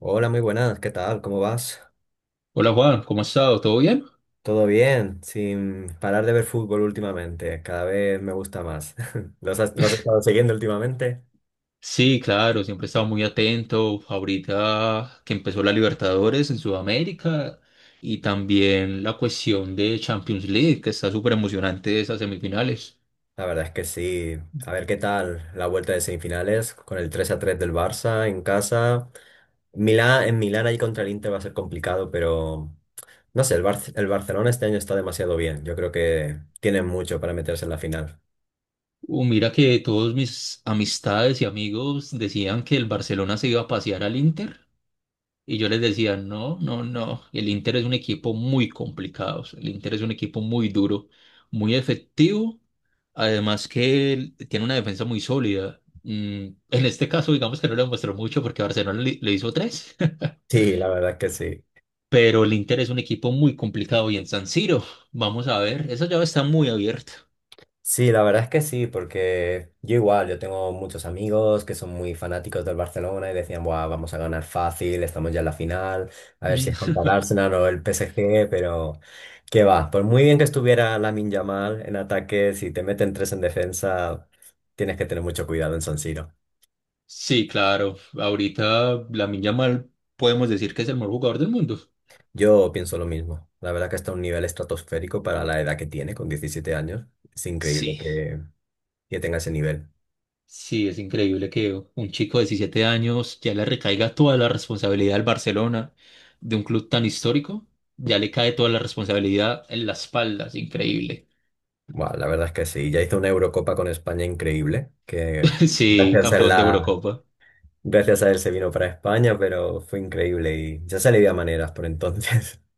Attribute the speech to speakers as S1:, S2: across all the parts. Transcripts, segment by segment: S1: Hola, muy buenas, ¿qué tal? ¿Cómo vas?
S2: Hola Juan, ¿cómo has estado? ¿Todo bien?
S1: ¿Todo bien? Sin parar de ver fútbol últimamente, cada vez me gusta más. ¿Lo has estado siguiendo últimamente?
S2: Sí, claro, siempre he estado muy atento. Ahorita que empezó la Libertadores en Sudamérica y también la cuestión de Champions League, que está súper emocionante esas semifinales.
S1: La verdad es que sí. A ver qué tal la vuelta de semifinales con el 3-3 del Barça en casa. Milán, en Milán ahí contra el Inter va a ser complicado, pero no sé, el Barcelona este año está demasiado bien. Yo creo que tienen mucho para meterse en la final.
S2: Mira que todos mis amistades y amigos decían que el Barcelona se iba a pasear al Inter. Y yo les decía, no, no, no, el Inter es un equipo muy complicado, o sea, el Inter es un equipo muy duro, muy efectivo, además que él tiene una defensa muy sólida. En este caso, digamos que no lo demostró mucho porque Barcelona le hizo tres.
S1: Sí, la verdad es que sí.
S2: Pero el Inter es un equipo muy complicado y en San Siro, vamos a ver, esa llave está muy abierta.
S1: Sí, la verdad es que sí, porque yo igual, yo tengo muchos amigos que son muy fanáticos del Barcelona y decían: "Buah, vamos a ganar fácil, estamos ya en la final, a ver si
S2: Mm.
S1: es contra el Arsenal o el PSG". Pero qué va, por muy bien que estuviera Lamine Yamal en ataque, si te meten tres en defensa, tienes que tener mucho cuidado en San Siro.
S2: Sí, claro, ahorita Lamine Yamal podemos decir que es el mejor jugador del mundo.
S1: Yo pienso lo mismo, la verdad que está a un nivel estratosférico para la edad que tiene, con 17 años, es increíble
S2: Sí,
S1: que tenga ese nivel.
S2: sí, es increíble que un chico de 17 años ya le recaiga toda la responsabilidad al Barcelona de un club tan histórico. Ya le cae toda la responsabilidad en las espaldas, increíble.
S1: Buah, la verdad es que sí. Ya hizo una Eurocopa con España increíble, que
S2: Sí,
S1: gracias a
S2: campeón de
S1: la...
S2: Eurocopa.
S1: gracias a él se vino para España, pero fue increíble y ya se le veía maneras por entonces.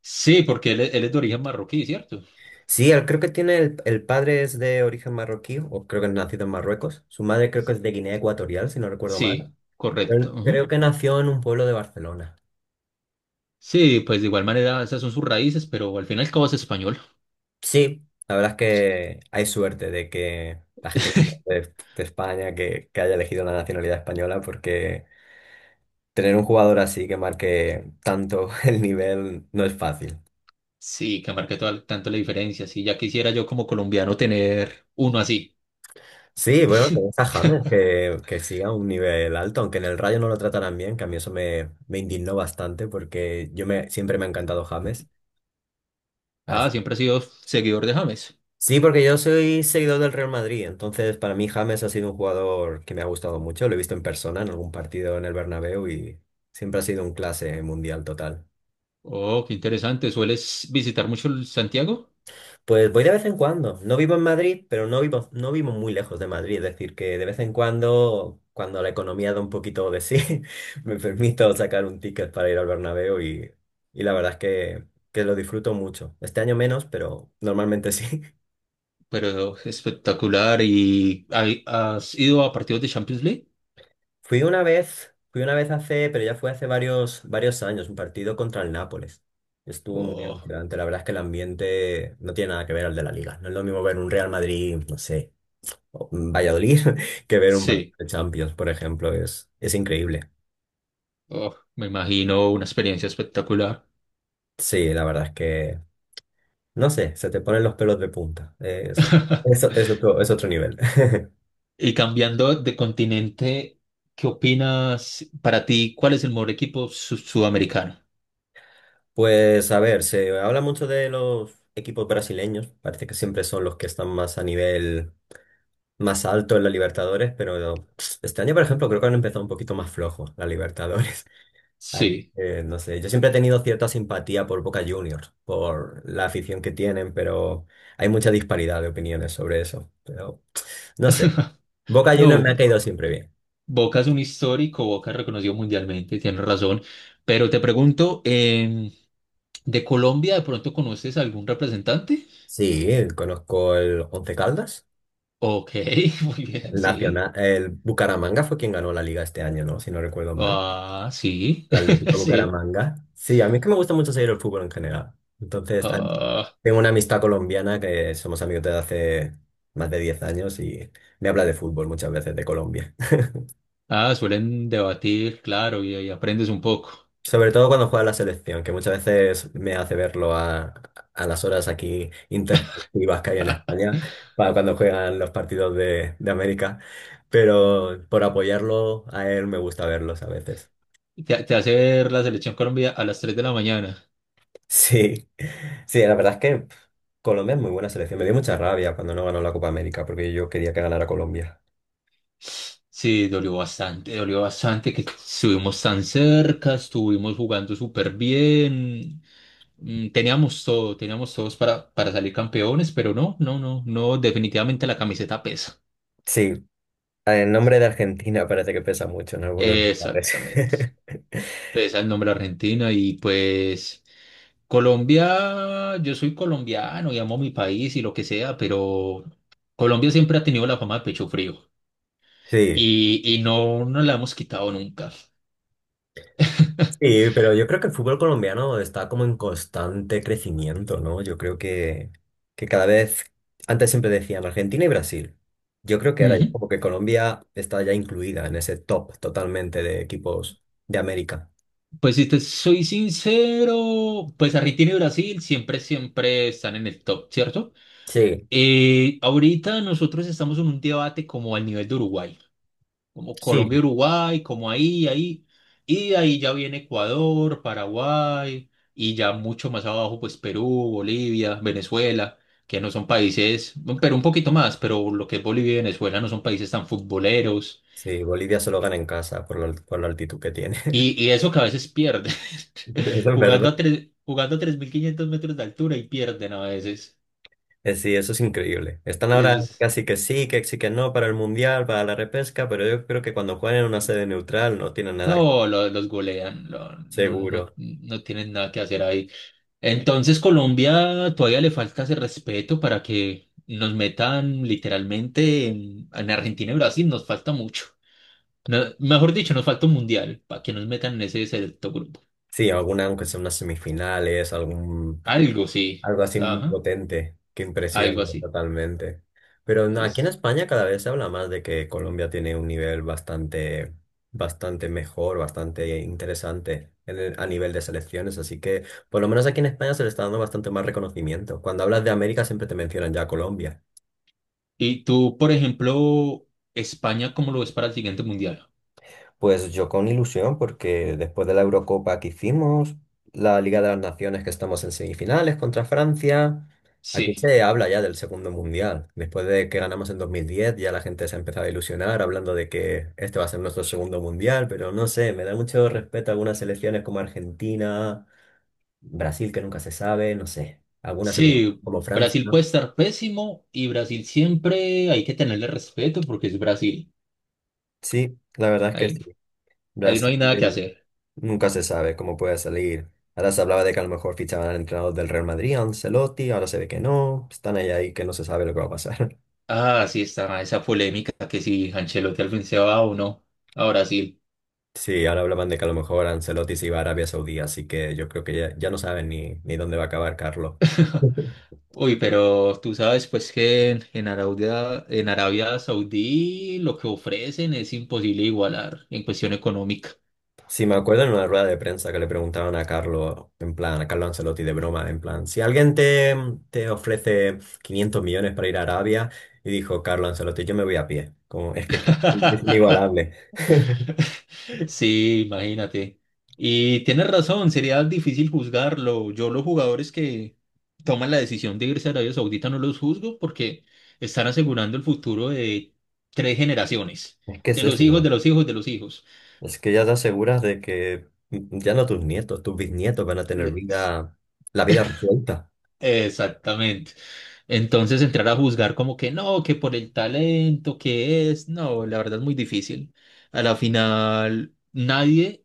S2: Sí, porque él es de origen marroquí, ¿cierto?
S1: Sí, él creo que tiene el padre es de origen marroquí, o creo que es nacido en Marruecos. Su madre creo que es de Guinea Ecuatorial, si no recuerdo mal.
S2: Sí, correcto.
S1: Él creo
S2: Ujú.
S1: que nació en un pueblo de Barcelona.
S2: Sí, pues de igual manera esas son sus raíces, pero al final cabo es español.
S1: Sí, la verdad es que hay suerte de que la gente que conoce de España, que haya elegido la nacionalidad española, porque... tener un jugador así que marque tanto el nivel no es fácil.
S2: Sí, que marque tanto la diferencia. Sí, ya quisiera yo como colombiano tener uno así.
S1: Sí, bueno, tenés a James, que siga un nivel alto, aunque en el Rayo no lo tratarán bien, que a mí eso me indignó bastante, porque siempre me ha encantado James. Así...
S2: Ah, siempre he sido seguidor de James.
S1: Sí, porque yo soy seguidor del Real Madrid, entonces para mí James ha sido un jugador que me ha gustado mucho. Lo he visto en persona en algún partido en el Bernabéu y siempre ha sido un clase mundial total.
S2: Oh, qué interesante. ¿Sueles visitar mucho el Santiago?
S1: Pues voy de vez en cuando. No vivo en Madrid, pero no vivo muy lejos de Madrid. Es decir, que de vez en cuando, cuando la economía da un poquito de sí, me permito sacar un ticket para ir al Bernabéu, y la verdad es que lo disfruto mucho. Este año menos, pero normalmente sí.
S2: Pero espectacular. ¿Y has ido a partidos de Champions League?
S1: Fui una vez, pero ya fue hace varios, varios años, un partido contra el Nápoles. Estuvo muy
S2: Oh,
S1: emocionante. La verdad es que el ambiente no tiene nada que ver al de la Liga. No es lo mismo ver un Real Madrid, no sé, o Valladolid, que ver un partido
S2: sí.
S1: de Champions. Por ejemplo, es increíble.
S2: Oh, me imagino una experiencia espectacular.
S1: Sí, la verdad es que, no sé, se te ponen los pelos de punta. Es, es, es otro, es otro nivel.
S2: Y cambiando de continente, ¿qué opinas para ti? ¿Cuál es el mejor equipo sudamericano?
S1: Pues a ver, se habla mucho de los equipos brasileños, parece que siempre son los que están más a nivel más alto en la Libertadores, pero este año, por ejemplo, creo que han empezado un poquito más flojos la Libertadores. Así
S2: Sí.
S1: que, no sé, yo siempre he tenido cierta simpatía por Boca Juniors, por la afición que tienen, pero hay mucha disparidad de opiniones sobre eso. Pero no sé, Boca Juniors me
S2: No,
S1: ha caído siempre bien.
S2: Boca es un histórico, Boca es reconocido mundialmente, tienes razón. Pero te pregunto, ¿de Colombia de pronto conoces algún representante?
S1: Sí, conozco el Once Caldas,
S2: Ok, muy bien,
S1: el
S2: sí.
S1: Nacional, el Bucaramanga fue quien ganó la liga este año, ¿no? Si no recuerdo mal.
S2: Ah, sí,
S1: El Atlético
S2: sí.
S1: Bucaramanga. Sí, a mí es que me gusta mucho seguir el fútbol en general. Entonces,
S2: Ah,
S1: tengo una amistad colombiana. Que somos amigos desde hace más de 10 años y me habla de fútbol muchas veces de Colombia.
S2: ah, suelen debatir, claro, y aprendes un poco.
S1: Sobre todo cuando juega la selección, que muchas veces me hace verlo a las horas aquí intempestivas que hay en España, para cuando juegan los partidos de América. Pero por apoyarlo a él me gusta verlos a veces.
S2: Te hace ver la selección Colombia a las 3 de la mañana.
S1: Sí, sí, la verdad es que Colombia es muy buena selección. Me dio mucha rabia cuando no ganó la Copa América, porque yo quería que ganara Colombia.
S2: Sí, dolió bastante que estuvimos tan cerca, estuvimos jugando súper bien. Teníamos todo, teníamos todos para salir campeones, pero no, no, no, no, definitivamente la camiseta pesa.
S1: Sí, el nombre de Argentina parece que pesa mucho en algunos lugares.
S2: Exactamente. Pesa el nombre Argentina y pues. Colombia, yo soy colombiano y amo mi país y lo que sea, pero Colombia siempre ha tenido la fama de pecho frío
S1: Sí,
S2: y no nos la hemos quitado nunca.
S1: sí, pero yo creo que el fútbol colombiano está como en constante crecimiento, ¿no? Yo creo que, que cada vez, antes siempre decían Argentina y Brasil. Yo creo que ahora ya
S2: Ujú.
S1: como que Colombia está ya incluida en ese top totalmente de equipos de América.
S2: Pues si te soy sincero, pues Argentina y Brasil siempre, siempre están en el top, ¿cierto?
S1: Sí.
S2: Ahorita nosotros estamos en un debate como al nivel de Uruguay. Como Colombia,
S1: Sí,
S2: Uruguay, como ahí, ahí, y de ahí ya viene Ecuador, Paraguay, y ya mucho más abajo, pues Perú, Bolivia, Venezuela, que no son países, bueno, pero un poquito más, pero lo que es Bolivia y Venezuela no son países tan futboleros,
S1: sí, Bolivia solo gana en casa por por la altitud que tiene.
S2: y eso que a veces pierden.
S1: Eso es verdad.
S2: Jugando a 3.500 metros de altura y pierden a veces.
S1: Sí, eso es increíble. Están ahora
S2: eso es-
S1: casi que sí, que sí, que no para el Mundial, para la repesca, pero yo creo que cuando juegan en una sede neutral no tienen nada
S2: No, los golean. No, no,
S1: seguro.
S2: no tienen nada que hacer ahí. Entonces Colombia todavía le falta ese respeto para que nos metan literalmente en, Argentina y Brasil, nos falta mucho. Mejor dicho, nos falta un mundial para que nos metan en ese selecto grupo.
S1: Sí, alguna, aunque sea unas semifinales,
S2: Algo sí,
S1: algo así muy
S2: ajá,
S1: potente, que
S2: algo
S1: impresiona
S2: así.
S1: totalmente. Pero no, aquí en
S2: Es-
S1: España cada vez se habla más de que Colombia tiene un nivel bastante, bastante mejor, bastante interesante en a nivel de selecciones. Así que por lo menos aquí en España se le está dando bastante más reconocimiento. Cuando hablas de América siempre te mencionan ya a Colombia.
S2: Y tú, por ejemplo, España, ¿cómo lo ves para el siguiente mundial?
S1: Pues yo con ilusión, porque después de la Eurocopa que hicimos, la Liga de las Naciones que estamos en semifinales contra Francia, aquí
S2: Sí,
S1: se habla ya del segundo mundial. Después de que ganamos en 2010, ya la gente se ha empezado a ilusionar hablando de que este va a ser nuestro segundo mundial, pero no sé, me da mucho respeto algunas selecciones como Argentina, Brasil, que nunca se sabe, no sé, algunas Euro
S2: sí,
S1: como Francia,
S2: Brasil
S1: ¿no?
S2: puede estar pésimo y Brasil siempre hay que tenerle respeto porque es Brasil.
S1: Sí, la verdad es que
S2: Ahí,
S1: sí.
S2: ahí no
S1: Brasil.
S2: hay nada que hacer.
S1: Nunca se sabe cómo puede salir. Ahora se hablaba de que a lo mejor fichaban al entrenador del Real Madrid, a Ancelotti, ahora se ve que no. Están ahí, ahí que no se sabe lo que va a pasar.
S2: Ah, sí, está esa polémica que si Ancelotti al fin se va o no a Brasil.
S1: Sí, ahora hablaban de que a lo mejor Ancelotti se iba a Arabia Saudí, así que yo creo que ya, ya no saben ni dónde va a acabar Carlo.
S2: Uy, pero tú sabes pues que en Arabia Saudí lo que ofrecen es imposible igualar en cuestión económica.
S1: Sí, me acuerdo en una rueda de prensa que le preguntaban a Carlo, en plan, a Carlo Ancelotti de broma, en plan, si alguien te ofrece 500 millones para ir a Arabia, y dijo Carlo Ancelotti: "Yo me voy a pie". Como, es que claro, es inigualable.
S2: Sí, imagínate. Y tienes razón, sería difícil juzgarlo. Yo los jugadores que toman la decisión de irse a Arabia Saudita no los juzgo porque están asegurando el futuro de tres generaciones,
S1: Es que es
S2: de los hijos,
S1: eso.
S2: de los hijos, de los hijos.
S1: Es que ya te aseguras de que ya no tus nietos, tus bisnietos van a tener
S2: Yes.
S1: vida, la vida resuelta.
S2: Exactamente. Entonces entrar a juzgar como que no, que por el talento, que es, no, la verdad es muy difícil. A la final, nadie,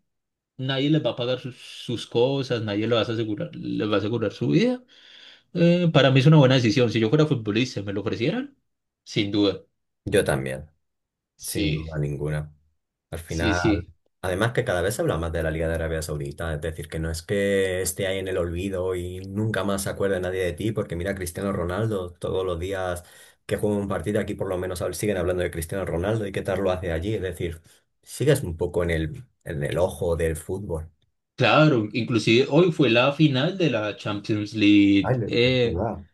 S2: nadie les va a pagar sus cosas, nadie les va a asegurar, les va a asegurar su vida. Para mí es una buena decisión. Si yo fuera futbolista y me lo ofrecieran, sin duda.
S1: Yo también, sin duda
S2: Sí,
S1: ninguna. Al
S2: sí,
S1: final,
S2: sí.
S1: además, que cada vez se habla más de la Liga de Arabia Saudita, es decir, que no es que esté ahí en el olvido y nunca más se acuerde nadie de ti, porque mira Cristiano Ronaldo, todos los días que juega un partido aquí por lo menos siguen hablando de Cristiano Ronaldo y qué tal lo hace allí, es decir, sigues un poco en el ojo del fútbol.
S2: Claro, inclusive hoy fue la final de la Champions
S1: Ay,
S2: League,
S1: es verdad.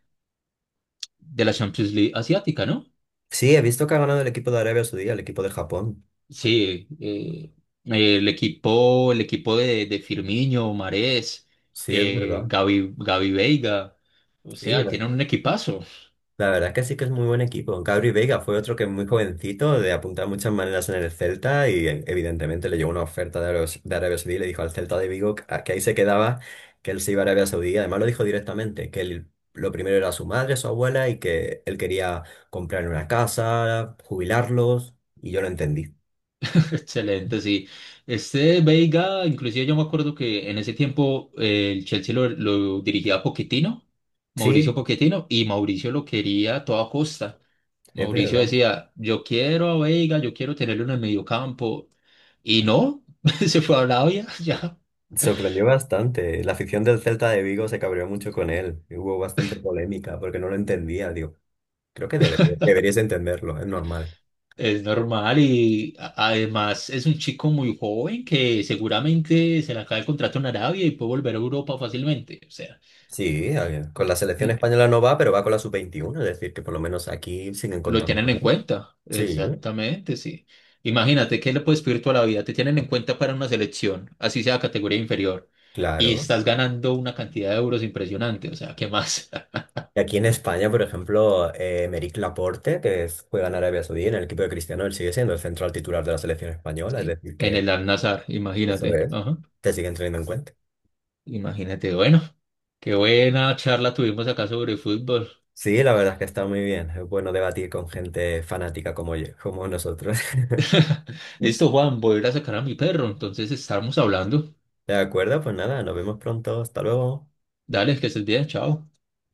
S2: de la Champions League asiática, ¿no?
S1: Sí, he visto que ha ganado el equipo de Arabia Saudí, el equipo de Japón.
S2: Sí, el equipo de Firmino, Marés,
S1: Sí, es verdad.
S2: Gavi Veiga, o
S1: Sí,
S2: sea,
S1: la
S2: tienen un equipazo.
S1: la verdad es que sí que es muy buen equipo. Gabri Veiga fue otro que, muy jovencito, de apuntar muchas maneras en el Celta, y evidentemente le llegó una oferta de Arabia Saudí, y le dijo al Celta de Vigo que ahí se quedaba, que él se iba a Arabia Saudí. Además lo dijo directamente, lo primero era su madre, su abuela, y que él quería comprar una casa, jubilarlos, y yo lo entendí.
S2: Excelente, sí. Este Veiga, inclusive yo me acuerdo que en ese tiempo el Chelsea lo dirigía Pochettino, Mauricio
S1: Sí,
S2: Pochettino, y Mauricio lo quería a toda costa.
S1: es
S2: Mauricio
S1: verdad.
S2: decía, yo quiero a Veiga, yo quiero tenerlo en el mediocampo, y no, se fue a Arabia. Ya.
S1: Sorprendió bastante. La afición del Celta de Vigo se cabreó mucho con él, y hubo bastante polémica porque no lo entendía. Digo, creo que deberías entenderlo, es normal.
S2: Es normal y además es un chico muy joven que seguramente se le acaba el contrato en Arabia y puede volver a Europa fácilmente. O sea,
S1: Sí, a ver, con la selección
S2: mm,
S1: española no va, pero va con la sub-21, es decir, que por lo menos aquí siguen
S2: lo
S1: contando
S2: tienen
S1: con
S2: en
S1: él.
S2: cuenta.
S1: Sí,
S2: Exactamente, sí. Imagínate que le puedes pedir toda la vida. Te tienen en cuenta para una selección, así sea categoría inferior, y
S1: claro.
S2: estás ganando una cantidad de euros impresionante. O sea, ¿qué más?
S1: Y aquí en España, por ejemplo, Emeric Laporte, que juega en Arabia Saudí, en el equipo de Cristiano, él sigue siendo el central titular de la selección española, es
S2: Y
S1: decir,
S2: en
S1: que
S2: el Al-Nassr,
S1: eso
S2: imagínate.
S1: es,
S2: Ajá.
S1: te siguen teniendo en cuenta.
S2: Imagínate, bueno. Qué buena charla tuvimos acá sobre fútbol.
S1: Sí, la verdad es que está muy bien. Es bueno debatir con gente fanática como yo, como nosotros.
S2: Listo, Juan, voy a ir a sacar a mi perro. Entonces estamos hablando.
S1: De acuerdo, pues nada, nos vemos pronto. Hasta luego.
S2: Dale, que estés bien, chao.